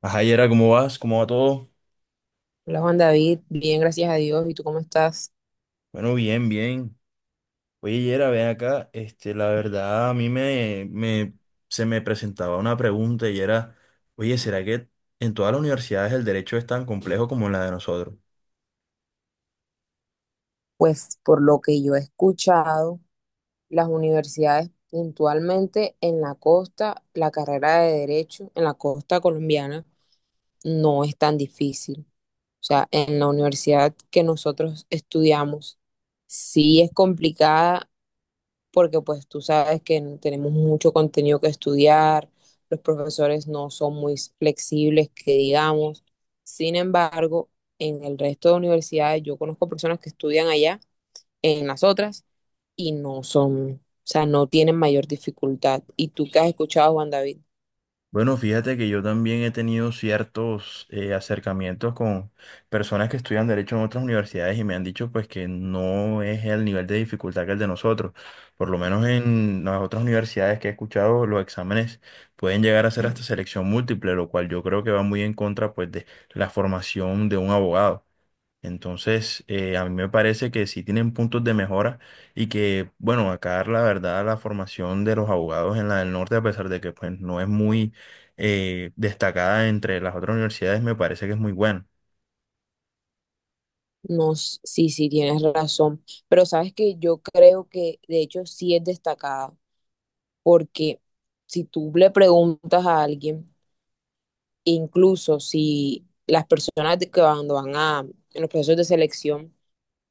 Ajá, Yera, ¿cómo vas? ¿Cómo va todo? Hola Juan David, bien, gracias a Dios. ¿Y tú cómo estás? Bueno, bien, bien. Oye, Yera, ven acá. Este, la verdad, a mí se me presentaba una pregunta y era, oye, ¿será que en todas las universidades el derecho es tan complejo como en la de nosotros? Pues por lo que yo he escuchado, las universidades puntualmente en la costa, la carrera de derecho en la costa colombiana no es tan difícil. O sea, en la universidad que nosotros estudiamos, sí es complicada porque pues tú sabes que tenemos mucho contenido que estudiar, los profesores no son muy flexibles, que digamos. Sin embargo, en el resto de universidades yo conozco personas que estudian allá, en las otras, y no son, o sea, no tienen mayor dificultad. ¿Y tú qué has escuchado, Juan David? Bueno, fíjate que yo también he tenido ciertos acercamientos con personas que estudian derecho en otras universidades y me han dicho pues que no es el nivel de dificultad que el de nosotros. Por lo menos en las otras universidades que he escuchado, los exámenes pueden llegar a ser hasta selección múltiple, lo cual yo creo que va muy en contra pues de la formación de un abogado. Entonces, a mí me parece que sí tienen puntos de mejora y que, bueno, acá la verdad la formación de los abogados en la del norte, a pesar de que pues no es muy destacada entre las otras universidades, me parece que es muy buena. No, sí, sí, tienes razón, pero sabes que yo creo que de hecho sí es destacada, porque si tú le preguntas a alguien, incluso si las personas que cuando van a en los procesos de selección,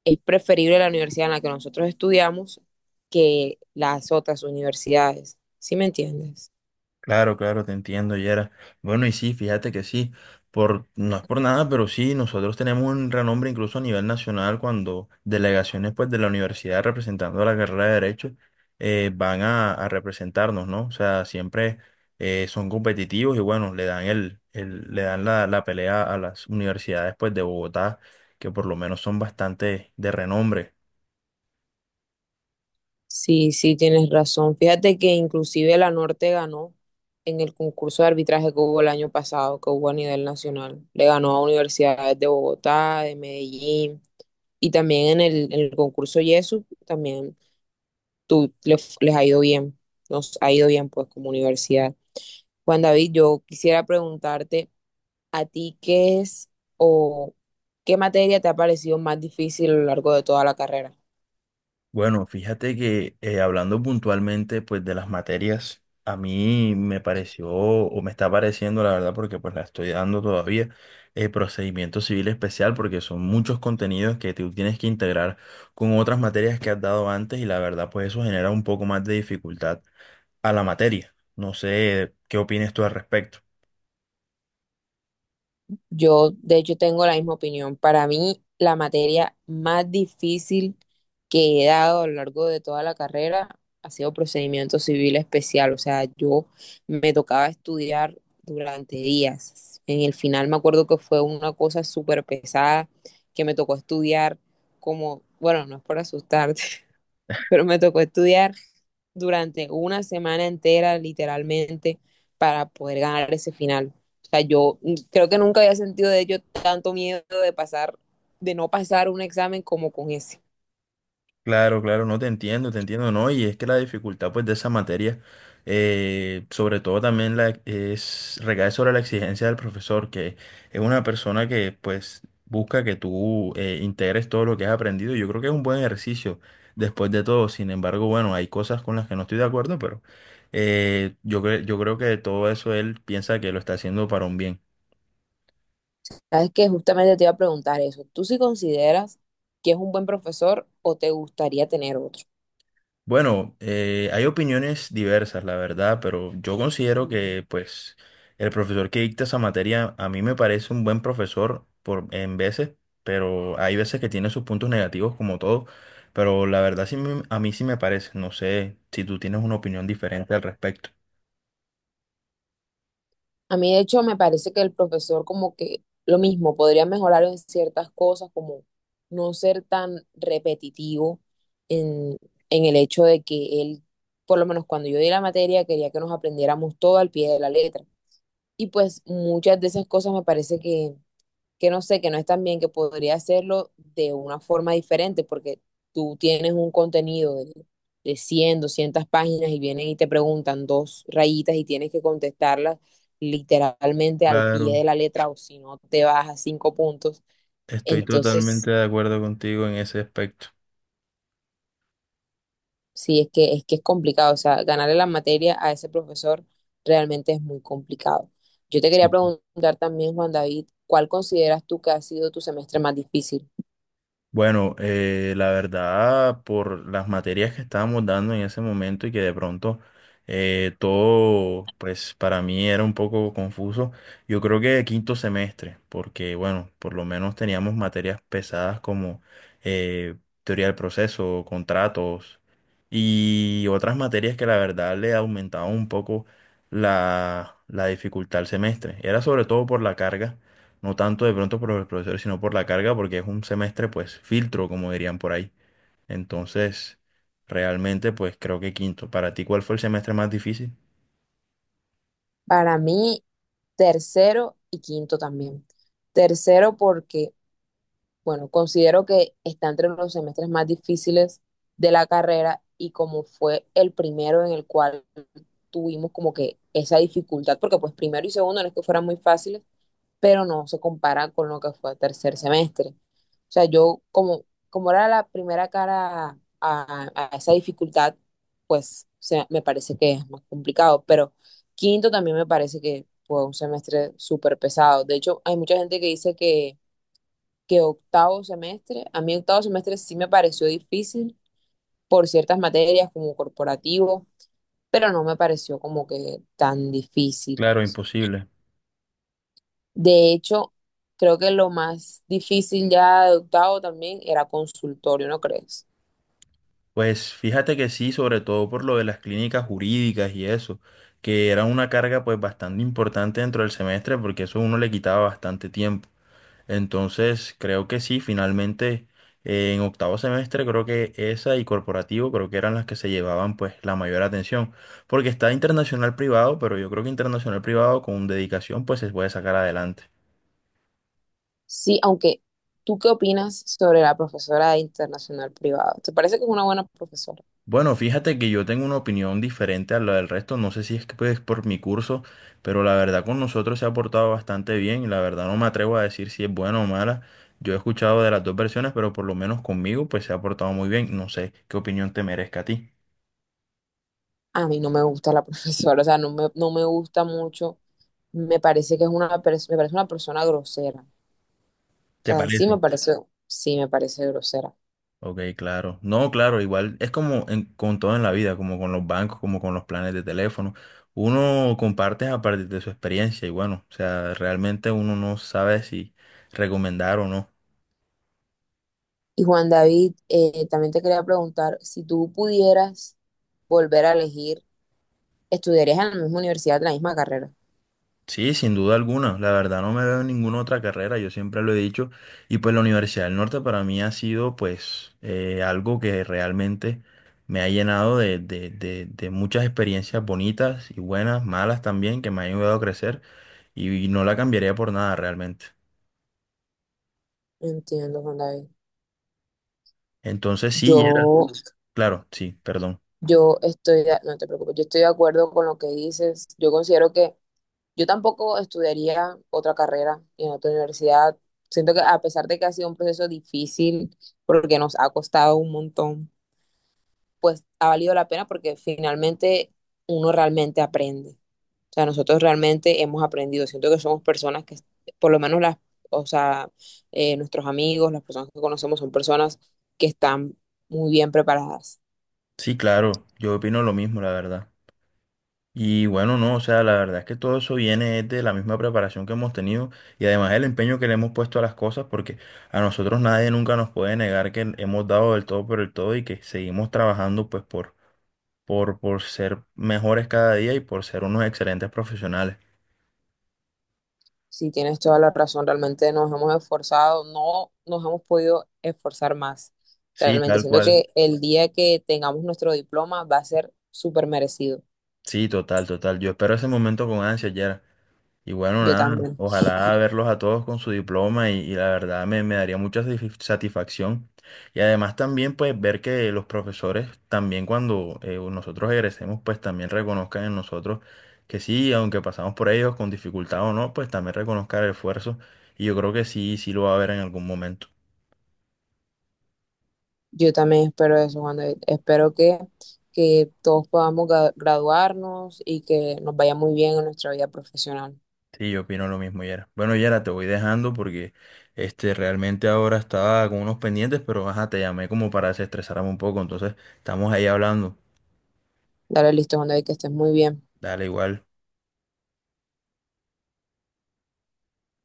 es preferible la universidad en la que nosotros estudiamos que las otras universidades. ¿Sí me entiendes? Claro, claro, te entiendo, Yera. Bueno, y sí, fíjate que sí, por, no es por nada, pero sí, nosotros tenemos un renombre incluso a nivel nacional cuando delegaciones pues, de la universidad representando la carrera de Derecho van a representarnos, ¿no? O sea, siempre son competitivos y bueno, le dan la pelea a las universidades pues, de Bogotá, que por lo menos son bastante de renombre. Sí, sí, tienes razón. Fíjate que inclusive la Norte ganó en el concurso de arbitraje que hubo el año pasado, que hubo a nivel nacional. Le ganó a universidades de Bogotá, de Medellín, y también en el concurso YESU, también tú, les ha ido bien, nos ha ido bien pues como universidad. Juan David, yo quisiera preguntarte a ti qué es o qué materia te ha parecido más difícil a lo largo de toda la carrera. Bueno, fíjate que hablando puntualmente pues de las materias, a mí me pareció o me está pareciendo la verdad porque pues la estoy dando todavía, procedimiento civil especial porque son muchos contenidos que tú tienes que integrar con otras materias que has dado antes y la verdad pues eso genera un poco más de dificultad a la materia. No sé qué opinas tú al respecto. Yo, de hecho, tengo la misma opinión. Para mí, la materia más difícil que he dado a lo largo de toda la carrera ha sido procedimiento civil especial. O sea, yo me tocaba estudiar durante días. En el final me acuerdo que fue una cosa súper pesada que me tocó estudiar como, bueno, no es por asustarte, pero me tocó estudiar durante una semana entera, literalmente, para poder ganar ese final. O sea, yo creo que nunca había sentido de ello tanto miedo de pasar, de no pasar un examen como con ese. Claro, claro, no te entiendo, te entiendo, no, y es que la dificultad pues de esa materia, sobre todo también recae sobre la exigencia del profesor, que es una persona que pues busca que tú integres todo lo que has aprendido. Yo creo que es un buen ejercicio después de todo, sin embargo, bueno, hay cosas con las que no estoy de acuerdo, pero yo creo que todo eso él piensa que lo está haciendo para un bien. Sabes que justamente te iba a preguntar eso. ¿Tú sí consideras que es un buen profesor o te gustaría tener otro? Bueno, hay opiniones diversas, la verdad, pero yo considero que, pues, el profesor que dicta esa materia a mí me parece un buen profesor por, en veces, pero hay veces que tiene sus puntos negativos como todo, pero la verdad a mí sí me parece. No sé si tú tienes una opinión diferente al respecto. A mí, de hecho, me parece que el profesor como que lo mismo, podría mejorar en ciertas cosas, como no ser tan repetitivo en, en el hecho de que él, por lo menos cuando yo di la materia, quería que nos aprendiéramos todo al pie de la letra. Y pues muchas de esas cosas me parece que no sé, que no están bien, que podría hacerlo de una forma diferente, porque tú tienes un contenido de 100, 200 páginas y vienen y te preguntan dos rayitas y tienes que contestarlas literalmente al pie de Claro, la letra o si no te vas a cinco puntos. estoy totalmente Entonces, de acuerdo contigo en ese aspecto. sí, es que es complicado, o sea, ganarle la materia a ese profesor realmente es muy complicado. Yo te quería preguntar también, Juan David, ¿cuál consideras tú que ha sido tu semestre más difícil? Bueno, la verdad, por las materias que estábamos dando en ese momento y que de pronto todo, pues para mí era un poco confuso, yo creo que quinto semestre, porque bueno, por lo menos teníamos materias pesadas como eh, teoría del proceso, contratos y otras materias que la verdad le aumentaban un poco la dificultad al semestre. Era sobre todo por la carga no tanto de pronto por los profesores, sino por la carga, porque es un semestre, pues, filtro, como dirían por ahí. Entonces, realmente, pues, creo que quinto. ¿Para ti cuál fue el semestre más difícil? Para mí, tercero y quinto también. Tercero porque, bueno, considero que está entre los semestres más difíciles de la carrera y como fue el primero en el cual tuvimos como que esa dificultad, porque pues primero y segundo no es que fueran muy fáciles, pero no se compara con lo que fue tercer semestre. O sea, yo como era la primera cara a esa dificultad, pues me parece que es más complicado, pero quinto también me parece que fue un semestre súper pesado. De hecho, hay mucha gente que dice que octavo semestre, a mí octavo semestre sí me pareció difícil por ciertas materias como corporativo, pero no me pareció como que tan difícil. Claro, imposible. De hecho, creo que lo más difícil ya de octavo también era consultorio, ¿no crees? Pues fíjate que sí, sobre todo por lo de las clínicas jurídicas y eso, que era una carga, pues, bastante importante dentro del semestre, porque eso uno le quitaba bastante tiempo. Entonces, creo que sí, finalmente en octavo semestre creo que esa y corporativo creo que eran las que se llevaban pues la mayor atención, porque está internacional privado, pero yo creo que internacional privado con dedicación pues se puede sacar adelante. Sí, aunque, ¿tú qué opinas sobre la profesora de internacional privada? ¿Te parece que es una buena profesora? Bueno, fíjate que yo tengo una opinión diferente a la del resto, no sé si es que pues, por mi curso, pero la verdad con nosotros se ha portado bastante bien y la verdad no me atrevo a decir si es buena o mala. Yo he escuchado de las dos versiones, pero por lo menos conmigo pues se ha portado muy bien, no sé qué opinión te merezca a ti. A mí no me gusta la profesora, o sea, no me gusta mucho. Me parece que es me parece una persona grosera. O ¿Te sea, en parece? Sí me parece grosera. Ok, claro. No, claro, igual es como con todo en la vida, como con los bancos, como con los planes de teléfono. Uno comparte a partir de su experiencia y bueno, o sea, realmente uno no sabe si recomendar o no. Y Juan David, también te quería preguntar, si tú pudieras volver a elegir, ¿estudiarías en la misma universidad, en la misma carrera? Sí, sin duda alguna. La verdad no me veo en ninguna otra carrera, yo siempre lo he dicho. Y pues la Universidad del Norte para mí ha sido pues algo que realmente me ha llenado de muchas experiencias bonitas y buenas, malas también, que me han ayudado a crecer y no la cambiaría por nada realmente. Entiendo, Juan David. Entonces sí, Gerald, Yo, claro, sí, perdón. No te preocupes, yo estoy de acuerdo con lo que dices. Yo considero que yo tampoco estudiaría otra carrera en otra universidad. Siento que a pesar de que ha sido un proceso difícil, porque nos ha costado un montón, pues ha valido la pena porque finalmente uno realmente aprende. O sea, nosotros realmente hemos aprendido. Siento que somos personas que, por lo menos las, o sea, nuestros amigos, las personas que conocemos son personas que están muy bien preparadas. Sí, claro, yo opino lo mismo, la verdad. Y bueno, no, o sea, la verdad es que todo eso viene es de la misma preparación que hemos tenido y además el empeño que le hemos puesto a las cosas, porque a nosotros nadie nunca nos puede negar que hemos dado del todo por el todo y que seguimos trabajando pues por ser mejores cada día y por ser unos excelentes profesionales. Sí, tienes toda la razón. Realmente nos hemos esforzado, no nos hemos podido esforzar más. Sí, Realmente tal siento cual. que el día que tengamos nuestro diploma va a ser súper merecido. Sí, total, total. Yo espero ese momento con ansia, Yera. Y bueno, Yo nada, también. ojalá verlos a todos con su diploma y la verdad me daría mucha satisfacción. Y además también pues ver que los profesores también cuando nosotros egresemos pues también reconozcan en nosotros que sí, aunque pasamos por ellos con dificultad o no, pues también reconozcan el esfuerzo. Y yo creo que sí, sí lo va a ver en algún momento. Yo también espero eso, Juan David. Espero que todos podamos graduarnos y que nos vaya muy bien en nuestra vida profesional. Sí, yo opino lo mismo, Yera. Bueno, Yera, te voy dejando porque este realmente ahora estaba con unos pendientes, pero ajá, te llamé como para desestresarme un poco, entonces estamos ahí hablando. Dale listo, Juan David, que estés muy bien. Dale igual.